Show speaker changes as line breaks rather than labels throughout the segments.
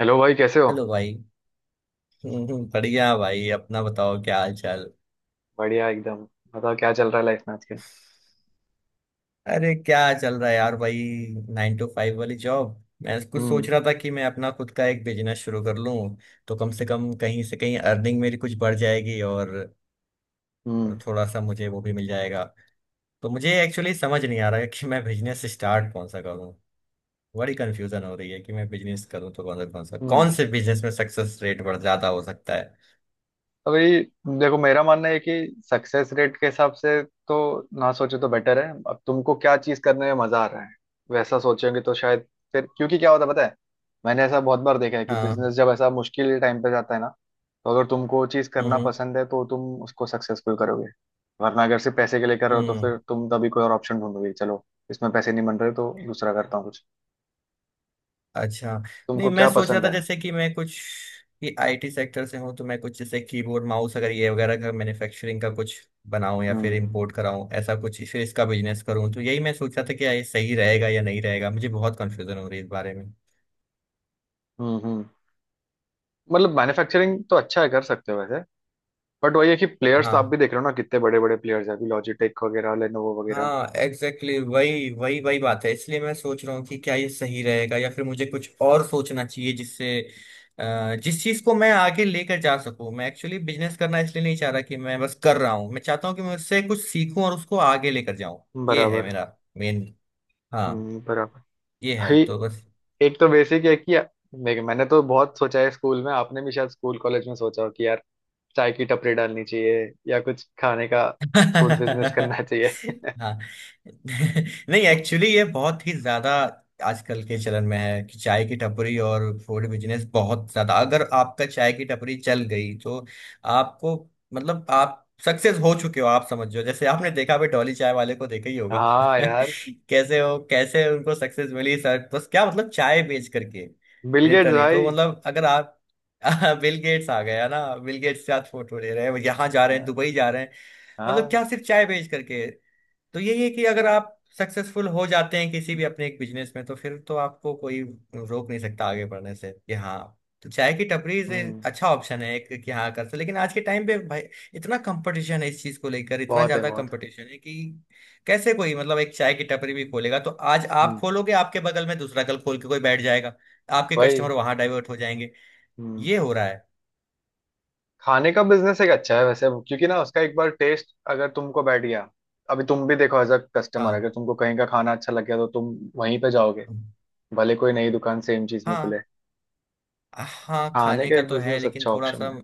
Hello भाई, कैसे हो?
हेलो भाई। बढ़िया भाई, अपना बताओ, क्या हाल चाल।
बढ़िया एकदम। बताओ क्या चल रहा है लाइफ में आजकल?
अरे क्या चल रहा है यार भाई। 9 टू 5 वाली जॉब मैं कुछ सोच
हम्म।
रहा था कि मैं अपना खुद का एक बिजनेस शुरू कर लूं। तो कम से कम कहीं से कहीं अर्निंग मेरी कुछ बढ़ जाएगी और
हम्म।
थोड़ा सा मुझे वो भी मिल जाएगा। तो मुझे एक्चुअली समझ नहीं आ रहा है कि मैं बिजनेस स्टार्ट कौन सा करूं। बड़ी कंफ्यूजन हो रही है कि मैं बिजनेस करूं तो कौन सा कौन सा कौन
हम्म।
से बिजनेस में सक्सेस रेट बढ़ ज्यादा हो सकता है।
अभी। देखो, मेरा मानना है कि सक्सेस रेट के हिसाब से तो ना सोचो तो बेटर है। अब तुमको क्या चीज करने में मजा आ रहा है, वैसा सोचोगे तो शायद। फिर, क्योंकि क्या होता है पता है, मैंने ऐसा बहुत बार देखा है कि
हाँ।
बिजनेस जब ऐसा मुश्किल टाइम पे जाता है ना, तो अगर तुमको चीज
हम्म
करना
हम्म
पसंद है तो तुम उसको सक्सेसफुल करोगे। वरना अगर सिर्फ पैसे के लिए कर रहे हो तो
हम्म।
फिर तुम तभी कोई और ऑप्शन ढूंढोगे। चलो, इसमें पैसे नहीं बन रहे तो दूसरा करता हूँ कुछ।
अच्छा। नहीं,
तुमको
मैं
क्या
सोच रहा
पसंद
था
है?
जैसे कि मैं कुछ कि आईटी सेक्टर से हूँ, तो मैं कुछ जैसे कीबोर्ड माउस अगर ये वगैरह का मैन्युफैक्चरिंग का कुछ बनाऊं या फिर
हम्म।
इंपोर्ट कराऊं, ऐसा कुछ फिर इसका बिजनेस करूं। तो यही मैं सोच रहा था कि ये सही रहेगा या नहीं रहेगा, मुझे बहुत कंफ्यूजन हो रही है इस बारे में।
हम्म। हम्म। मतलब मैन्युफैक्चरिंग तो अच्छा है, कर सकते हो वैसे। बट वही है कि प्लेयर्स तो आप
हाँ।
भी देख रहे हो ना, कितने बड़े बड़े प्लेयर्स हैं अभी लॉजिटेक वगैरह, लेनोवो वगैरह।
हाँ एग्जैक्टली वही वही वही बात है, इसलिए मैं सोच रहा हूँ कि क्या ये सही रहेगा या फिर मुझे कुछ और सोचना चाहिए जिससे जिस चीज को मैं आगे लेकर जा सकूं। मैं एक्चुअली बिजनेस करना इसलिए नहीं चाह रहा कि मैं बस कर रहा हूँ, मैं चाहता हूँ कि मैं उससे कुछ सीखूं और उसको आगे लेकर जाऊं। ये है
बराबर।
मेरा मेन। हाँ,
हम्म, बराबर।
ये है
भाई,
तो बस।
एक तो बेसिक है कि देख, मैंने तो बहुत सोचा है स्कूल में। आपने भी शायद स्कूल कॉलेज में सोचा हो कि यार चाय की टपरी डालनी चाहिए, या कुछ खाने का फूड बिजनेस करना चाहिए।
हाँ नहीं एक्चुअली ये बहुत ही ज्यादा आजकल के चलन में है कि चाय की टपरी और फूड बिजनेस बहुत ज्यादा। अगर आपका चाय की टपरी चल गई तो आपको मतलब आप सक्सेस हो चुके हो, आप समझो। जैसे आपने देखा भी, डॉली चाय वाले को देखा ही होगा
हाँ यार,
कैसे हो, कैसे उनको सक्सेस मिली। सर बस क्या मतलब, चाय बेच करके
बिल गेट्स
लिटरली। तो
भाई।
मतलब अगर आप बिल गेट्स आ गया ना, बिल गेट्स के साथ फोटो ले रहे हैं, यहाँ जा रहे हैं,
हाँ,
दुबई जा रहे हैं। मतलब
हाँ।
क्या सिर्फ चाय बेच करके। तो यही है कि अगर आप सक्सेसफुल हो जाते हैं किसी भी अपने एक बिजनेस में, तो फिर तो आपको कोई रोक नहीं सकता आगे बढ़ने से कि हाँ। तो चाय की टपरी से
हम्म।
अच्छा ऑप्शन है एक, कि हाँ कर सकते, लेकिन आज के टाइम पे भाई इतना कंपटीशन है इस चीज को लेकर, इतना
बहुत है,
ज्यादा
बहुत है।
कंपटीशन है कि कैसे कोई मतलब एक चाय की टपरी भी खोलेगा तो आज आप
हम्म।
खोलोगे, आपके बगल में दूसरा कल खोल के कोई बैठ जाएगा, आपके
भाई।
कस्टमर वहां डाइवर्ट हो जाएंगे।
हम्म।
ये हो रहा है।
खाने का बिजनेस एक अच्छा है वैसे, क्योंकि ना उसका एक बार टेस्ट अगर तुमको बैठ गया। अभी तुम भी देखो, एज अ कस्टमर अगर
हाँ।
तुमको कहीं का खाना अच्छा लग गया तो तुम वहीं पे जाओगे, भले कोई नई दुकान सेम चीज में खुले।
हाँ। हाँ
खाने
खाने
का
का
एक
तो है,
बिजनेस
लेकिन
अच्छा
थोड़ा
ऑप्शन
सा
है।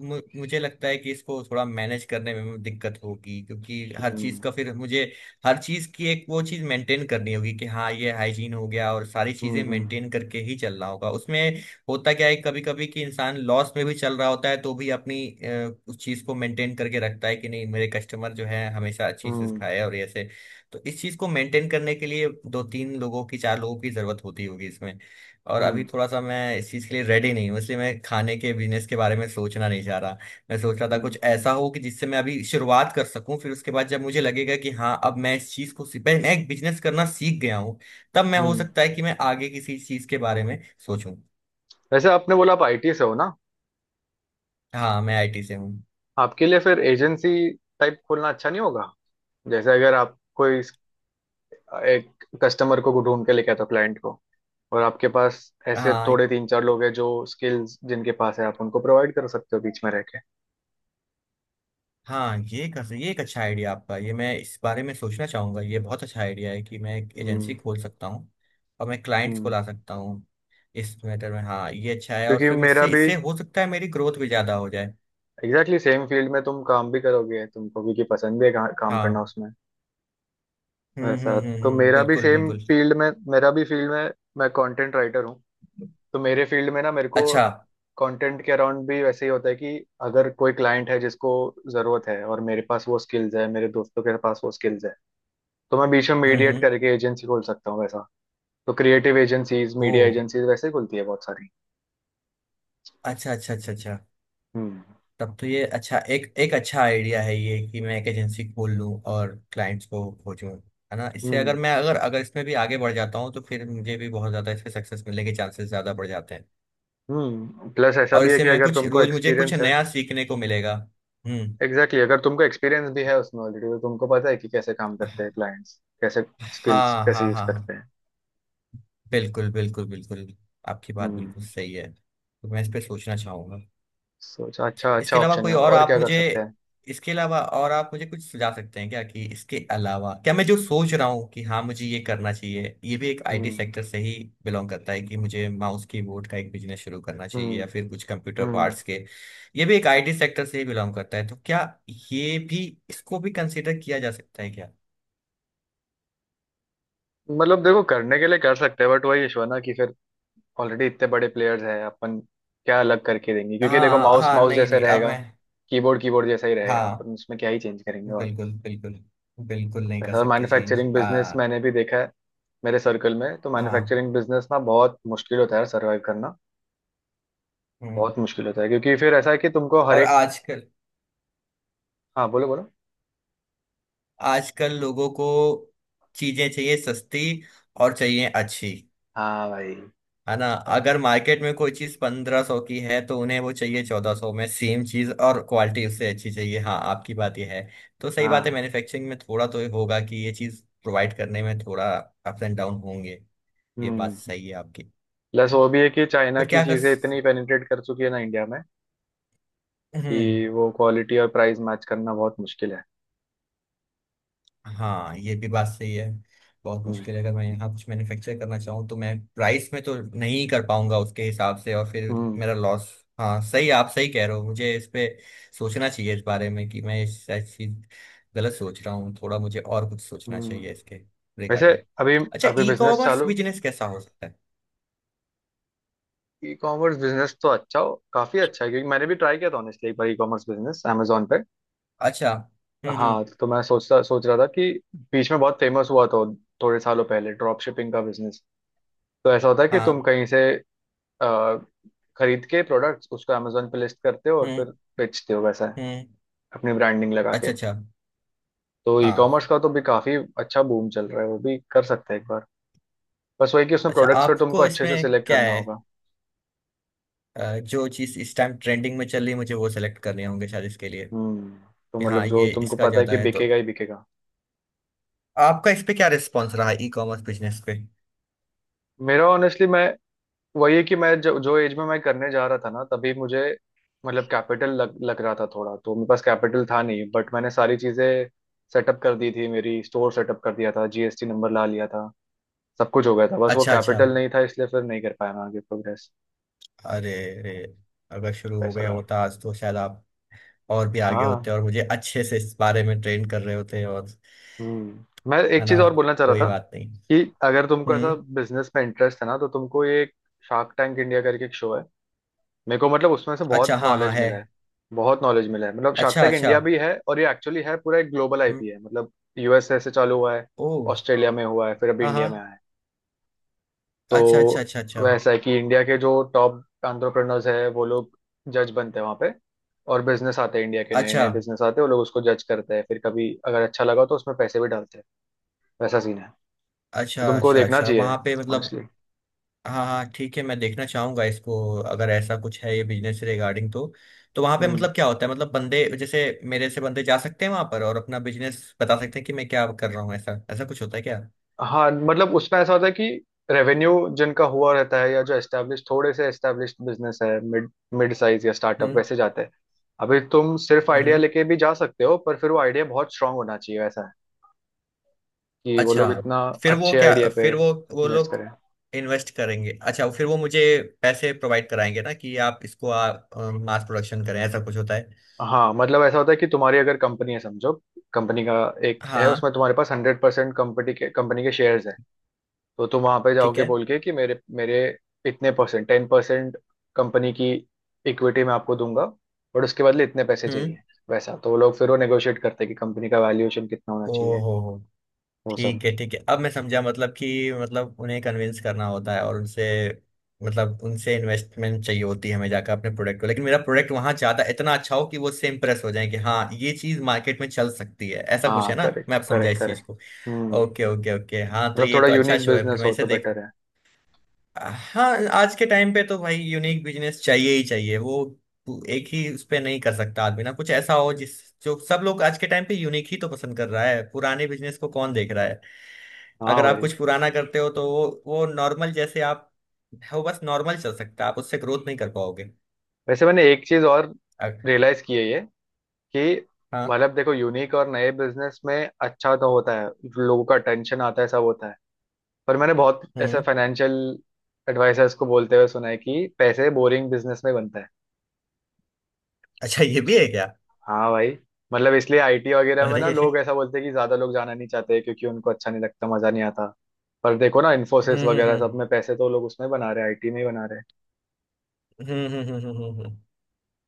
मुझे लगता है कि इसको थोड़ा मैनेज करने में दिक्कत होगी, क्योंकि हर चीज
हम्म।
का फिर मुझे हर चीज की एक वो चीज मेंटेन करनी होगी कि हाँ ये हाइजीन हो गया और सारी
हम्म।
चीजें मेंटेन
हम्म।
करके ही चलना होगा उसमें। होता क्या है कभी कभी कि इंसान लॉस में भी चल रहा होता है, तो भी अपनी उस चीज को मेंटेन करके रखता है कि नहीं मेरे कस्टमर जो है हमेशा अच्छी चीज
हम्म।
खाए, और ऐसे तो इस चीज को मेंटेन करने के लिए दो तीन लोगों की, चार लोगों की जरूरत होती होगी इसमें। और अभी
हम्म।
थोड़ा सा मैं इस चीज़ के लिए रेडी नहीं हूँ, इसलिए मैं खाने के बिजनेस के बारे में सोचना नहीं चाह रहा। मैं सोच रहा था
हम्म,
कुछ ऐसा हो कि जिससे मैं अभी शुरुआत कर सकूं, फिर उसके बाद जब मुझे लगेगा कि हाँ अब मैं इस चीज़ को मैं एक बिजनेस करना सीख गया हूँ, तब मैं हो
हम्म।
सकता है कि मैं आगे किसी चीज़ के बारे में सोचूं।
वैसे आपने बोला आप आईटी से हो ना?
हाँ मैं आईटी से हूँ।
आपके लिए फिर एजेंसी टाइप खोलना अच्छा नहीं होगा? जैसे अगर आप कोई एक कस्टमर को ढूंढ के लेके आता क्लाइंट को, और आपके पास ऐसे
हाँ
थोड़े तीन चार लोग हैं जो स्किल्स जिनके पास है, आप उनको प्रोवाइड कर सकते हो बीच में रह के।
हाँ, ये कर ये एक अच्छा आइडिया आपका, ये मैं इस बारे में सोचना चाहूँगा। ये बहुत अच्छा आइडिया है कि मैं एक एजेंसी
हम्म।
खोल सकता हूँ और मैं क्लाइंट्स को
हम्म।
ला सकता हूँ। इस मैटर में हाँ ये अच्छा है, और
क्योंकि
फिर
मेरा
इससे
भी
इससे हो सकता है मेरी ग्रोथ भी ज़्यादा हो जाए।
एग्जैक्टली सेम फील्ड में, तुम काम भी करोगे, तुमको भी कि पसंद भी है काम करना
हाँ
उसमें। वैसा तो मेरा भी
बिल्कुल
सेम
बिल्कुल।
फील्ड में, मेरा भी फील्ड में, मैं कंटेंट राइटर हूँ। तो मेरे फील्ड में ना, मेरे को
अच्छा।
कंटेंट के अराउंड भी वैसे ही होता है कि अगर कोई क्लाइंट है जिसको ज़रूरत है और मेरे पास वो स्किल्स है, मेरे दोस्तों के पास वो स्किल्स है, तो मैं बीच में मीडिएट
हम्म।
करके एजेंसी खोल सकता हूँ वैसा। तो creative agencies,
or.
Media agencies वैसे खुलती है बहुत सारी।
अच्छा अच्छा अच्छा अच्छा।
हम्म।
तब तो ये अच्छा, एक एक अच्छा आइडिया है ये कि मैं एक एजेंसी खोल लूँ और क्लाइंट्स को खोजूँ। है ना, इससे अगर
हम्म।
मैं अगर अगर इसमें भी आगे बढ़ जाता हूँ, तो फिर मुझे भी बहुत ज़्यादा इसमें सक्सेस मिलने के चांसेस ज़्यादा बढ़ जाते हैं।
हम्म। प्लस ऐसा
और
भी है
इससे
कि
मैं
अगर
कुछ
तुमको
रोज़ मुझे कुछ
एक्सपीरियंस है।
नया सीखने को मिलेगा। हम्म।
एग्जैक्टली, अगर तुमको एक्सपीरियंस भी है उसमें ऑलरेडी, तो तुमको पता है कि कैसे काम करते हैं क्लाइंट्स, कैसे स्किल्स
हाँ
कैसे
हाँ
यूज
हाँ हाँ।
करते हैं।
बिल्कुल बिल्कुल बिल्कुल, आपकी बात
हम्म।
बिल्कुल सही है, तो मैं इस पे सोचना चाहूँगा।
सोचा, अच्छा, अच्छा
इसके अलावा
ऑप्शन
कोई
है
और
और
आप
क्या कर
मुझे,
सकते हैं।
इसके अलावा और आप मुझे कुछ सुझा सकते हैं क्या, कि इसके अलावा क्या, मैं जो सोच रहा हूँ कि हाँ मुझे ये करना चाहिए, ये भी एक आईटी
हम्म।
सेक्टर से ही बिलोंग करता है कि मुझे माउस कीबोर्ड का एक बिजनेस शुरू करना चाहिए
हम्म।
या फिर कुछ कंप्यूटर
हम्म।
पार्ट्स के। ये भी एक आईटी सेक्टर से ही बिलोंग करता है, तो क्या ये भी, इसको भी कंसिडर किया जा सकता है क्या।
मतलब देखो, करने के लिए कर सकते हैं बट वही इशू है ना कि फिर ऑलरेडी इतने बड़े प्लेयर्स हैं, अपन क्या अलग करके देंगे? क्योंकि देखो,
हाँ
माउस
हाँ।
माउस
नहीं
जैसे
नहीं, अब
रहेगा,
मैं
कीबोर्ड कीबोर्ड जैसा ही रहेगा,
हाँ
अपन उसमें क्या ही चेंज करेंगे। और
बिल्कुल बिल्कुल। बिल्कुल नहीं कर
वैसे, और
सकते चेंज
मैन्युफैक्चरिंग बिजनेस
आ।
मैंने भी देखा है मेरे सर्कल में, तो
हाँ।
मैन्युफैक्चरिंग बिजनेस ना बहुत मुश्किल होता है सर्वाइव करना।
हम्म।
बहुत मुश्किल होता है क्योंकि फिर ऐसा है कि तुमको हर
और
एक।
आजकल,
हाँ, बोलो बोलो।
आजकल लोगों को चीजें चाहिए सस्ती और चाहिए अच्छी।
हाँ भाई।
है ना,
हाँ,
अगर मार्केट में कोई चीज 1500 की है, तो उन्हें वो चाहिए 1400 में सेम चीज, और क्वालिटी उससे अच्छी चाहिए। हाँ आपकी बात यह है, तो सही बात है,
हाँ,
मैन्युफैक्चरिंग में थोड़ा तो ये होगा कि ये चीज प्रोवाइड करने में थोड़ा अप्स एंड डाउन होंगे। ये बात
हम्म।
सही है आपकी।
प्लस वो भी है कि चाइना
पर
की
क्या कर।
चीजें इतनी पेनिट्रेट कर चुकी है ना इंडिया में, कि
हम्म।
वो क्वालिटी और प्राइस मैच करना बहुत मुश्किल है।
हाँ ये भी बात सही है, बहुत
हम्म।
मुश्किल है। अगर मैं यहाँ कुछ मैन्युफैक्चर करना चाहूँ, तो मैं प्राइस में तो नहीं कर पाऊंगा उसके हिसाब से, और फिर
हम्म।
मेरा लॉस। हाँ सही, आप सही कह रहे हो, मुझे इस पे सोचना चाहिए, इस बारे में कि मैं इस चीज गलत सोच रहा हूँ, थोड़ा मुझे और कुछ सोचना
हम्म।
चाहिए इसके
वैसे
रिगार्डिंग।
अभी,
अच्छा,
अभी
ई
बिजनेस
कॉमर्स
चालू।
बिजनेस कैसा हो सकता है।
ई कॉमर्स बिजनेस तो अच्छा हो, काफी अच्छा है क्योंकि मैंने भी ट्राई किया था ऑनेस्टली एक बार ई कॉमर्स बिजनेस Amazon पे।
अच्छा। हम्म।
हाँ, तो मैं सोच रहा था कि बीच में बहुत फेमस हुआ था थोड़े सालों पहले ड्रॉप शिपिंग का बिजनेस। तो ऐसा होता है कि तुम
हाँ।
कहीं से अ, खरीद के प्रोडक्ट्स, उसको Amazon पे लिस्ट करते हो और
हम्म।
फिर बेचते हो वैसा है,
हम्म।
अपनी ब्रांडिंग लगा के।
अच्छा अच्छा।
तो ई
हाँ।
कॉमर्स का तो भी काफी अच्छा बूम चल रहा है, वो भी कर सकते हैं एक बार। बस वही कि उसमें
अच्छा,
प्रोडक्ट्स फिर तुमको
आपको
अच्छे से
इसमें
सिलेक्ट
क्या
करना
है,
होगा।
जो चीज इस टाइम ट्रेंडिंग में चल रही है, मुझे वो सेलेक्ट करने होंगे शायद इसके लिए, कि
हम्म, तो
हाँ
मतलब जो
ये
तुमको
इसका
पता है
ज्यादा
कि
है तो।
बिकेगा ही बिकेगा।
आपका इस पे क्या रिस्पॉन्स रहा, ई कॉमर्स बिजनेस पे।
मेरा ऑनेस्टली, मैं वही है कि मैं जो जो एज में मैं करने जा रहा था ना, तभी मुझे मतलब कैपिटल लग लग रहा था थोड़ा, तो मेरे पास कैपिटल था नहीं। बट मैंने सारी चीजें सेटअप कर दी थी, मेरी स्टोर सेटअप कर दिया था, जीएसटी नंबर ला लिया था, सब कुछ हो गया था, बस वो
अच्छा अच्छा।
कैपिटल नहीं था, इसलिए फिर नहीं कर पाया मैं आगे प्रोग्रेस।
अरे। अरे। अगर शुरू हो
ऐसा
गया
था।
होता आज, तो शायद आप और भी आगे
हाँ।
होते और मुझे अच्छे से इस बारे में ट्रेन कर रहे होते और,
हम्म, मैं
है
एक
ना।
चीज और बोलना चाह रहा
कोई
था
बात नहीं।
कि अगर तुमको ऐसा
हम्म।
बिजनेस में इंटरेस्ट है ना, तो तुमको ये शार्क टैंक इंडिया करके एक शो है, मेरे को मतलब उसमें से बहुत
अच्छा हाँ हाँ
नॉलेज
है।
मिला है। बहुत नॉलेज मिला है। मतलब शार्क
अच्छा
टैंक
अच्छा।
इंडिया भी है, और ये एक्चुअली है पूरा एक ग्लोबल
हम्म।
आईपी है मतलब। यूएसए से चालू हुआ है,
ओ।
ऑस्ट्रेलिया में हुआ है, फिर अभी
हाँ
इंडिया
हाँ।
में आया है।
अच्छा अच्छा
तो
अच्छा अच्छा।
वैसा है कि इंडिया के जो टॉप एंटरप्रेन्योर्स है, वो लोग जज बनते हैं वहाँ पे, और बिजनेस आते हैं इंडिया के, नए
अच्छा
नए बिजनेस आते हैं, वो लोग उसको जज करते हैं, फिर कभी अगर अच्छा लगा तो उसमें पैसे भी डालते हैं। वैसा सीन है। तो
अच्छा
तुमको
अच्छा
देखना
अच्छा। वहाँ
चाहिए
पे मतलब।
ऑनेस्टली।
हाँ हाँ ठीक है, मैं देखना चाहूंगा इसको। अगर ऐसा कुछ है ये बिजनेस से रिगार्डिंग, तो वहां पे मतलब क्या होता है, मतलब बंदे जैसे मेरे से बंदे जा सकते हैं वहां पर और अपना बिजनेस बता सकते हैं कि मैं क्या कर रहा हूँ, ऐसा ऐसा कुछ होता है क्या।
हाँ, मतलब उसमें ऐसा होता है कि रेवेन्यू जिनका हुआ रहता है, या जो एस्टेब्लिश, थोड़े से एस्टेब्लिश बिजनेस है, मिड मिड साइज या स्टार्टअप
हम्म
वैसे जाते हैं। अभी तुम सिर्फ
हम्म
आइडिया
हम्म।
लेके भी जा सकते हो, पर फिर वो आइडिया बहुत स्ट्रांग होना चाहिए, वैसा है कि वो
अच्छा,
लोग इतना
फिर वो
अच्छे
क्या,
आइडिया पे
फिर वो
इन्वेस्ट
लोग
करें।
इन्वेस्ट करेंगे। अच्छा, फिर वो मुझे पैसे प्रोवाइड कराएंगे ना, कि आप इसको आप मास प्रोडक्शन करें, ऐसा कुछ होता है।
हाँ, मतलब ऐसा होता है कि तुम्हारी अगर कंपनी है समझो, कंपनी का एक है,
हाँ।
उसमें तुम्हारे पास 100% कंपनी के शेयर्स। तो तुम वहां पे
ठीक
जाओगे
है।
बोल के कि मेरे मेरे इतने परसेंट, 10% कंपनी की इक्विटी मैं आपको दूंगा, बट उसके बदले इतने पैसे
हम्म।
चाहिए वैसा। तो वो लोग फिर वो नेगोशिएट करते हैं कि कंपनी का वैल्यूएशन कितना होना चाहिए,
ओहो।
वो सब।
ठीक है ठीक है, अब मैं समझा, मतलब कि मतलब उन्हें कन्विंस करना होता है, और उनसे मतलब उनसे इन्वेस्टमेंट चाहिए होती है, हमें जाकर अपने प्रोडक्ट को। लेकिन मेरा प्रोडक्ट वहां जाता इतना अच्छा हो कि वो उससे इम्प्रेस हो जाए कि हाँ ये चीज मार्केट में चल सकती है, ऐसा कुछ
हाँ,
है ना,
करेक्ट,
मैं आप समझा
करेक्ट,
इस चीज को।
Correct. Hmm,
okay okay okay, हाँ तो
मतलब
ये
थोड़ा
तो अच्छा
यूनिक
शो है, फिर
बिजनेस
मैं
हो
इसे
तो
देख।
बेटर है।
हाँ आज के टाइम पे तो भाई यूनिक बिजनेस चाहिए ही चाहिए। वो एक ही उस पे नहीं कर सकता आदमी ना, कुछ ऐसा हो जिस जो सब लोग, आज के टाइम पे यूनिक ही तो पसंद कर रहा है, पुराने बिजनेस को कौन देख रहा है।
हाँ
अगर आप
भाई।
कुछ पुराना करते हो तो वो नॉर्मल, जैसे आप वो बस नॉर्मल चल सकता है, आप उससे ग्रोथ नहीं कर पाओगे।
वैसे मैंने एक चीज और
अग-।
रियलाइज की है ये कि
हाँ।
मतलब देखो, यूनिक और नए बिजनेस में अच्छा तो होता है, लोगों का टेंशन आता है, सब होता है, पर मैंने बहुत ऐसे
हम्म।
फाइनेंशियल एडवाइजर्स को बोलते हुए सुना है कि पैसे बोरिंग बिजनेस में बनता है।
अच्छा, ये भी है क्या।
हाँ भाई। मतलब इसलिए आईटी वगैरह में
अरे।
ना लोग ऐसा बोलते हैं कि ज्यादा लोग जाना नहीं चाहते, क्योंकि उनको अच्छा नहीं लगता, मजा नहीं आता। पर देखो ना, इन्फोसिस वगैरह सब
हम्म।
में पैसे तो लोग उसमें बना रहे हैं, आईटी में ही बना रहे हैं।
हम्म हम्म हम्म, हम्म, हम्म।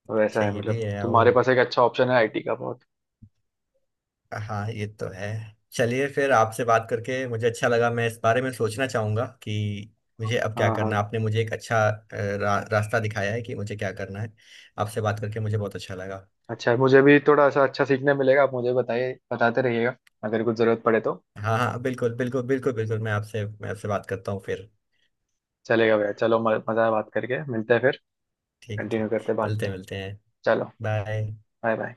तो ऐसा
अच्छा
है,
ये भी
मतलब
है। ओ।
तुम्हारे पास एक अच्छा ऑप्शन है आईटी का, बहुत।
हाँ ये तो है। चलिए फिर, आपसे बात करके मुझे अच्छा लगा। मैं इस बारे में सोचना चाहूंगा कि मुझे अब क्या
हाँ, हाँ।
करना है। आपने मुझे एक अच्छा रास्ता दिखाया है कि मुझे क्या करना है। आपसे बात करके मुझे बहुत अच्छा लगा।
अच्छा, मुझे भी थोड़ा सा अच्छा सीखने मिलेगा, आप मुझे बताइए, बताते रहिएगा अगर कुछ जरूरत पड़े तो।
हाँ हाँ बिल्कुल बिल्कुल बिल्कुल बिल्कुल। मैं आपसे बात करता हूँ फिर।
चलेगा भैया, चलो मजा आया बात करके, मिलते हैं फिर,
ठीक
कंटिन्यू
ठीक।
करते हैं बाद
मिलते
में।
हैं मिलते हैं।
चलो।
बाय।
Bye, bye.